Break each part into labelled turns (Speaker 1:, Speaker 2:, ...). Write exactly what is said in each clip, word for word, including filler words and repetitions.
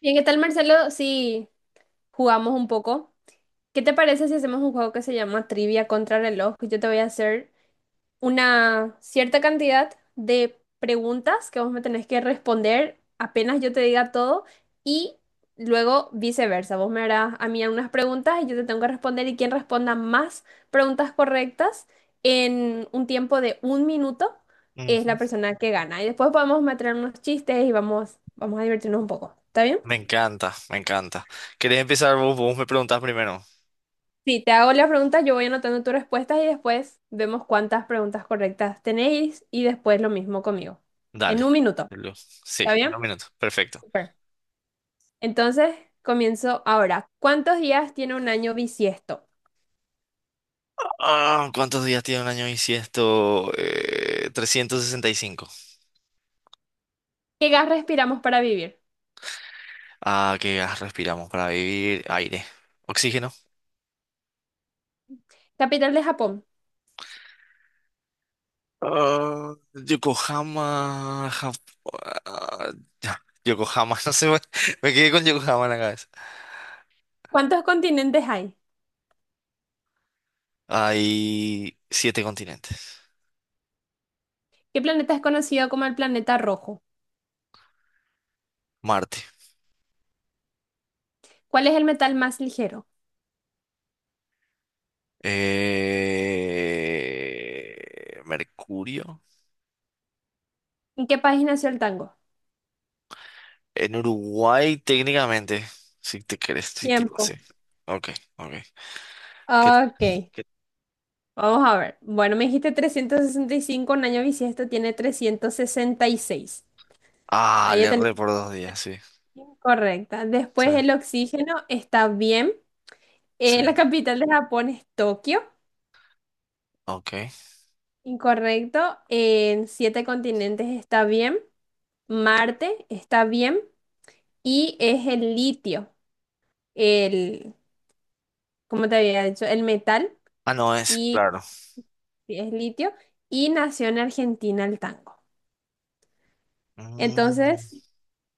Speaker 1: Bien, ¿qué tal, Marcelo? Si jugamos un poco. ¿Qué te parece si hacemos un juego que se llama Trivia contra reloj? Yo te voy a hacer una cierta cantidad de preguntas que vos me tenés que responder apenas yo te diga todo y luego viceversa. Vos me harás a mí unas preguntas y yo te tengo que responder y quien responda más preguntas correctas en un tiempo de un minuto es la
Speaker 2: Ujú.
Speaker 1: persona que gana. Y después podemos meter unos chistes y vamos, vamos a divertirnos un poco. ¿Está bien?
Speaker 2: Me encanta, me encanta. ¿Querés empezar vos? Vos me preguntás primero.
Speaker 1: Si te hago las preguntas, yo voy anotando tus respuestas y después vemos cuántas preguntas correctas tenéis y después lo mismo conmigo.
Speaker 2: Dale.
Speaker 1: En un minuto,
Speaker 2: Lu- Sí,
Speaker 1: ¿está
Speaker 2: en
Speaker 1: bien?
Speaker 2: un minuto. Perfecto.
Speaker 1: Super. Entonces, comienzo ahora. ¿Cuántos días tiene un año bisiesto?
Speaker 2: Ah, ¿cuántos días tiene un año bisiesto? Eh, trescientos sesenta y cinco.
Speaker 1: ¿Qué gas respiramos para vivir?
Speaker 2: Ah, ¿qué gas respiramos para vivir? Aire. Oxígeno.
Speaker 1: Capital de Japón.
Speaker 2: Ah, Yokohama. Jap- ah, ya, Yokohama, no sé, me, me quedé con Yokohama en la cabeza.
Speaker 1: ¿Cuántos continentes hay?
Speaker 2: Hay siete continentes.
Speaker 1: ¿Qué planeta es conocido como el planeta rojo?
Speaker 2: Marte.
Speaker 1: ¿Cuál es el metal más ligero?
Speaker 2: Eh, Mercurio.
Speaker 1: ¿En qué país nació el tango?
Speaker 2: En Uruguay, técnicamente. Si te querés, sí, tipo,
Speaker 1: Tiempo.
Speaker 2: sí. Ok, ok. ¿Qué-
Speaker 1: Ok. Vamos a ver. Bueno, me dijiste trescientos sesenta y cinco, un año bisiesto tiene trescientos sesenta y seis.
Speaker 2: Ah,
Speaker 1: Ahí ya
Speaker 2: le
Speaker 1: tenés
Speaker 2: erré por dos días, sí.
Speaker 1: incorrecta.
Speaker 2: Sí,
Speaker 1: Después el oxígeno está bien.
Speaker 2: sí.
Speaker 1: Eh, la capital de Japón es Tokio,
Speaker 2: Ok.
Speaker 1: incorrecto. En siete continentes está bien. Marte está bien. Y es el litio, el, ¿cómo te había dicho? El metal,
Speaker 2: Ah, no, es
Speaker 1: y
Speaker 2: claro.
Speaker 1: sí, es litio. Y nació en Argentina el tango.
Speaker 2: Mm.
Speaker 1: Entonces,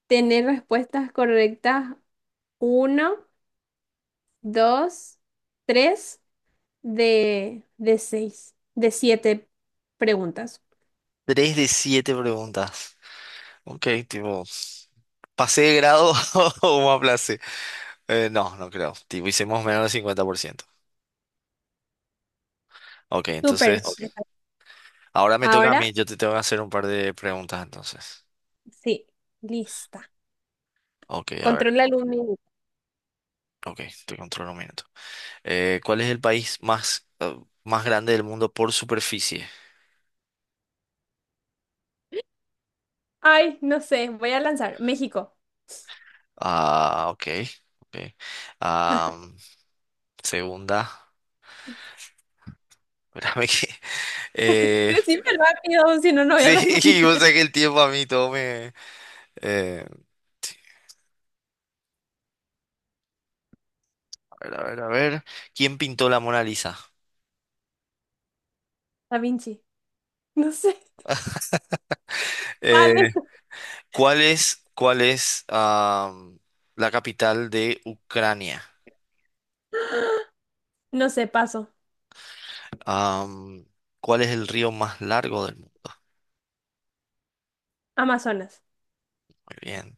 Speaker 1: tener respuestas correctas. Uno, dos, tres de, de seis, de siete preguntas.
Speaker 2: Tres de siete preguntas. Ok, tipo, ¿pasé de grado o me aplacé? Eh, no, no creo. Tipo, hicimos menos del cincuenta por ciento. Ok,
Speaker 1: Súper. Ok.
Speaker 2: entonces, ahora me toca a
Speaker 1: Ahora
Speaker 2: mí. Yo te tengo que hacer un par de preguntas, entonces.
Speaker 1: sí, lista.
Speaker 2: Ok, a ver.
Speaker 1: Controla el un minuto.
Speaker 2: Ok, te controlo un minuto. Eh, ¿cuál es el país más, eh, más grande del mundo por superficie?
Speaker 1: Ay, no sé, voy a lanzar. México.
Speaker 2: Ah, ok. Ok. Ah, segunda. Espérame que. eh,
Speaker 1: Decime rápido, si no, no voy
Speaker 2: sí,
Speaker 1: a
Speaker 2: o
Speaker 1: responder.
Speaker 2: sea que el tiempo a mí todo me. eh, sí, a ver, a ver, a ver. ¿Quién pintó la Mona Lisa?
Speaker 1: Da Vinci. No sé.
Speaker 2: Eh,
Speaker 1: Vale.
Speaker 2: ¿cuál es, cuál es am, la capital de Ucrania?
Speaker 1: No sé, paso.
Speaker 2: Am, ¿cuál es el río más largo del mundo?
Speaker 1: Amazonas.
Speaker 2: Muy bien.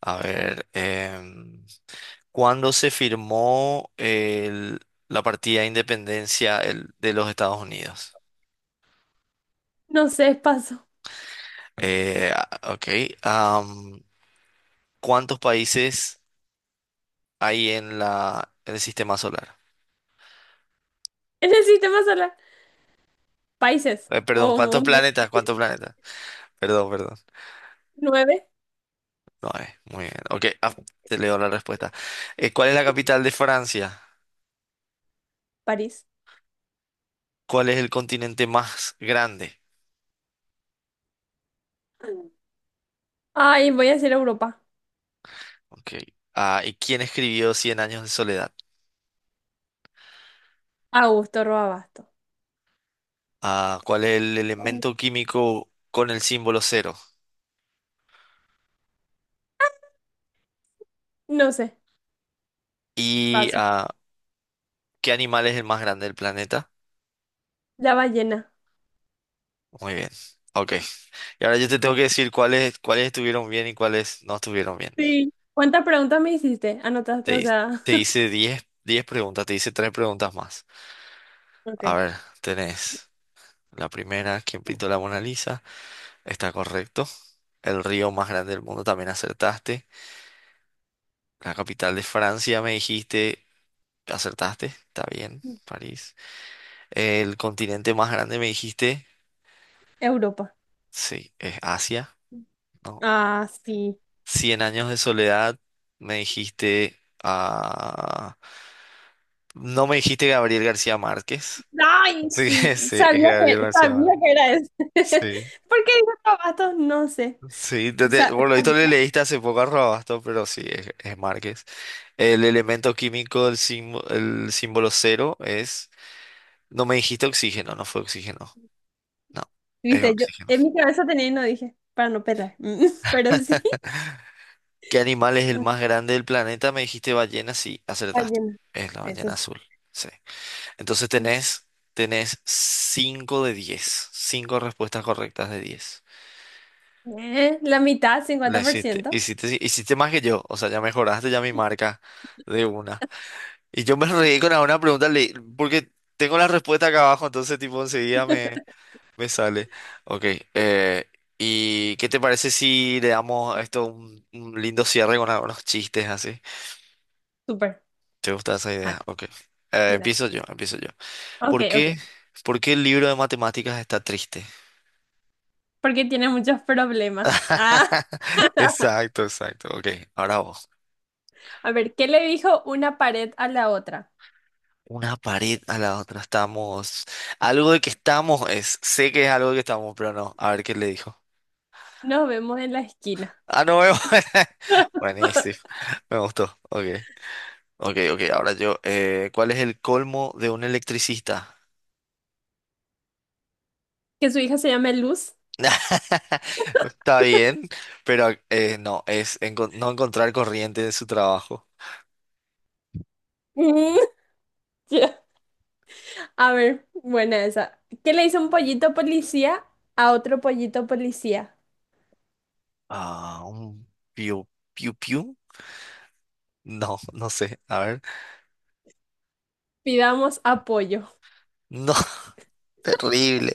Speaker 2: A ver, em, ¿cuándo se firmó el- la partida de independencia el- de los Estados Unidos?
Speaker 1: No sé, paso.
Speaker 2: Eh, a- ok. am, ¿cuántos países hay en la, en el sistema solar?
Speaker 1: En el sistema solar. Países.
Speaker 2: Eh, perdón,
Speaker 1: O
Speaker 2: ¿cuántos planetas? ¿Cuántos planetas? Perdón, perdón.
Speaker 1: nueve.
Speaker 2: No, eh, muy bien. Ok, ah, te leo la respuesta. Eh, ¿cuál es la capital de Francia?
Speaker 1: París.
Speaker 2: ¿Cuál es el continente más grande?
Speaker 1: Ay, voy a decir Europa.
Speaker 2: Ok. Ah, ¿y quién escribió Cien años de soledad?
Speaker 1: Augusto Roabasto.
Speaker 2: ¿A cuál es el elemento químico con el símbolo cero?
Speaker 1: No sé,
Speaker 2: ¿Y
Speaker 1: paso.
Speaker 2: a qué animal es el más grande del planeta?
Speaker 1: La ballena.
Speaker 2: Muy bien. Ok. Y ahora yo te tengo que decir cuáles, cuáles estuvieron bien y cuáles no estuvieron bien.
Speaker 1: Sí. ¿Cuántas preguntas me hiciste? ¿Anotaste?
Speaker 2: Te,
Speaker 1: O
Speaker 2: hi-
Speaker 1: sea,
Speaker 2: te hice diez diez preguntas, te hice tres preguntas más. A
Speaker 1: ok.
Speaker 2: ver, tenés la primera, ¿quién pintó la Mona Lisa? Está correcto. El río más grande del mundo también acertaste. La capital de Francia me dijiste, acertaste, está bien, París. El continente más grande me dijiste,
Speaker 1: Europa.
Speaker 2: sí, es Asia, ¿no?
Speaker 1: Ah, sí.
Speaker 2: Cien años de soledad, me dijiste, ah, no me dijiste Gabriel García Márquez,
Speaker 1: Ay,
Speaker 2: sí,
Speaker 1: sí,
Speaker 2: sí, es
Speaker 1: sabía
Speaker 2: Gabriel
Speaker 1: que,
Speaker 2: García
Speaker 1: sabía
Speaker 2: Márquez,
Speaker 1: que era eso.
Speaker 2: sí,
Speaker 1: ¿Por qué dijo Tabasco? No sé.
Speaker 2: sí, te- te-
Speaker 1: Sa-
Speaker 2: por lo visto le
Speaker 1: sabía.
Speaker 2: leíste hace poco a Robasto, pero sí, es, es Márquez. El elemento químico, del símbolo, el símbolo cero es, no me dijiste oxígeno, no fue oxígeno, no, es
Speaker 1: Viste, yo
Speaker 2: oxígeno.
Speaker 1: en mi cabeza tenía y no dije, para no pelar. Pero sí,
Speaker 2: ¿Qué animal es el más grande del planeta? Me dijiste ballena, sí, acertaste.
Speaker 1: ballena.
Speaker 2: Es la
Speaker 1: Eso
Speaker 2: ballena
Speaker 1: sí.
Speaker 2: azul. Sí. Entonces tenés, tenés cinco de diez, cinco respuestas correctas de diez.
Speaker 1: Eh, la mitad,
Speaker 2: La hiciste,
Speaker 1: cincuenta por ciento.
Speaker 2: hiciste, hiciste más que yo. O sea, ya mejoraste ya mi marca de una. Y yo me reí con una pregunta le- porque tengo la respuesta acá abajo, entonces tipo enseguida me, me sale. Ok. eh, ¿y qué te parece si le damos a esto un, un lindo cierre con algunos chistes así?
Speaker 1: Súper.
Speaker 2: ¿Te gusta esa idea?
Speaker 1: Ja,
Speaker 2: Ok. Eh,
Speaker 1: no.
Speaker 2: empiezo yo, empiezo yo.
Speaker 1: Ok,
Speaker 2: ¿Por
Speaker 1: ok.
Speaker 2: qué, por qué el libro de matemáticas está triste?
Speaker 1: Porque tiene muchos problemas. Ah,
Speaker 2: Exacto, exacto. Ok, ahora vos.
Speaker 1: a ver, ¿qué le dijo una pared a la otra?
Speaker 2: Una pared a la otra. Estamos. Algo de que estamos es. Sé que es algo de que estamos, pero no. A ver qué le dijo.
Speaker 1: Nos vemos en la esquina.
Speaker 2: Ah, no veo. Buenísimo. Me gustó. Ok. Ok, ok. Ahora yo. eh, ¿cuál es el colmo de un electricista?
Speaker 1: Que su hija se llame Luz.
Speaker 2: Está bien, pero eh, no, es enco- no encontrar corriente de su trabajo.
Speaker 1: Mm, ya. A ver, buena esa. ¿Qué le hizo un pollito policía a otro pollito policía?
Speaker 2: Ah, un piu, piu, piu. No, no sé. A ver.
Speaker 1: Pidamos apoyo.
Speaker 2: No, terrible.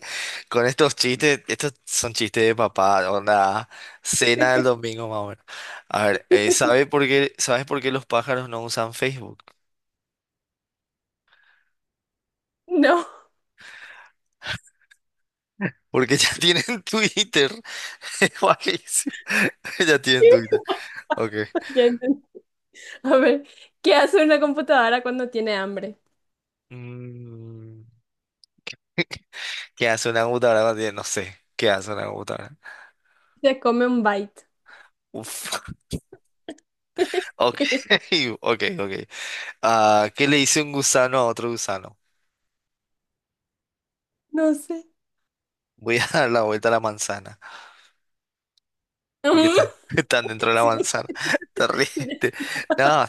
Speaker 2: Con estos chistes, estos son chistes de papá, onda, cena del domingo más o menos. A ver, eh, ¿sabe por qué, ¿sabes por qué los pájaros no usan Facebook?
Speaker 1: No.
Speaker 2: Porque ya tienen Twitter. Es malísimo. Ya tienen Twitter. Ok.
Speaker 1: Ya entendí. A ver, ¿qué hace una computadora cuando tiene hambre?
Speaker 2: Mm. ¿Qué hace una computadora? No tiene- no sé. ¿Qué hace una computadora?
Speaker 1: Se come un byte.
Speaker 2: Uf. Ok, ok, ok. Ah, ¿qué le dice un gusano a otro gusano?
Speaker 1: No sé.
Speaker 2: Voy a dar la vuelta a la manzana. Porque
Speaker 1: Mm,
Speaker 2: está- están dentro de la
Speaker 1: sí,
Speaker 2: manzana. Te ríes. te- No,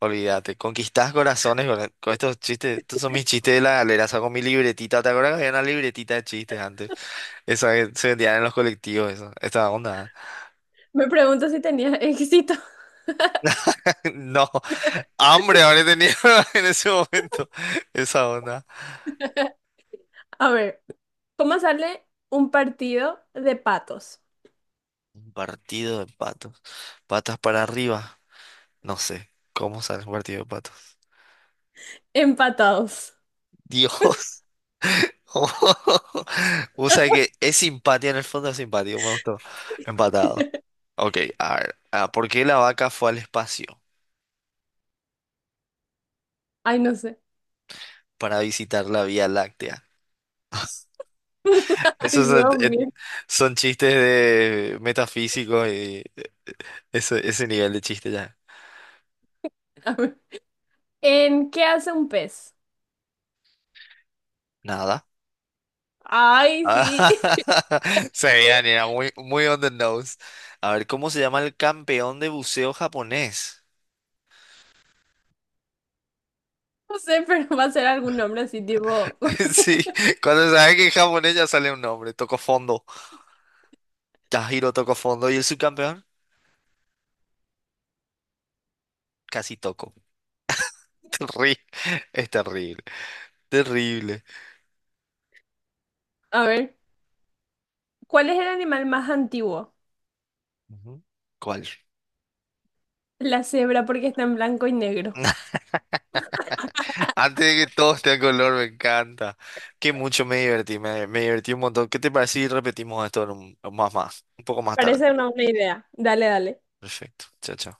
Speaker 2: olvídate. Conquistás corazones con, con estos chistes. Estos son mis chistes de la galera. Saco mi libretita. ¿Te acuerdas que había una libretita de chistes antes? Esa que se vendían en los colectivos. Eso. Esta onda.
Speaker 1: me pregunto si tenía éxito.
Speaker 2: No. Hambre habré tenido en ese momento. Esa onda.
Speaker 1: A ver, ¿cómo sale un partido de patos?
Speaker 2: Un partido de patos. Patas para arriba. No sé. ¿Cómo sale un partido de patos?
Speaker 1: Empatados.
Speaker 2: Dios. O sea que es simpatía, en el fondo es simpatía. Me gustó. Empatado. Ok, a ver. Ah, ¿por qué la vaca fue al espacio?
Speaker 1: Ay, no sé.
Speaker 2: Para visitar la Vía Láctea.
Speaker 1: Ay,
Speaker 2: Esos son,
Speaker 1: Dios
Speaker 2: eh,
Speaker 1: mío.
Speaker 2: son chistes de metafísicos y eh, eh, ese, ese nivel de chiste ya.
Speaker 1: A ver. ¿En qué hace un pez?
Speaker 2: Nada.
Speaker 1: Ay, sí.
Speaker 2: Sabían, era muy, muy on the nose. A ver, ¿cómo se llama el campeón de buceo japonés?
Speaker 1: No sé, pero va a ser algún nombre así, tipo.
Speaker 2: Sí, cuando sabes que en japonés ya sale un nombre. Toco fondo. Tajiro tocó fondo. ¿Y el subcampeón? Casi tocó. Terri- Es terrible. Terrible.
Speaker 1: A ver, ¿cuál es el animal más antiguo?
Speaker 2: Ujú. ¿Cuál?
Speaker 1: La cebra, porque está en blanco y negro.
Speaker 2: Antes de que todo esté a color, me encanta. Que mucho me divertí, me, me divertí un montón. ¿Qué te parece si repetimos esto en un- más más? Un poco más tarde.
Speaker 1: Parece una buena idea. Dale, dale.
Speaker 2: Perfecto. Chao, chao.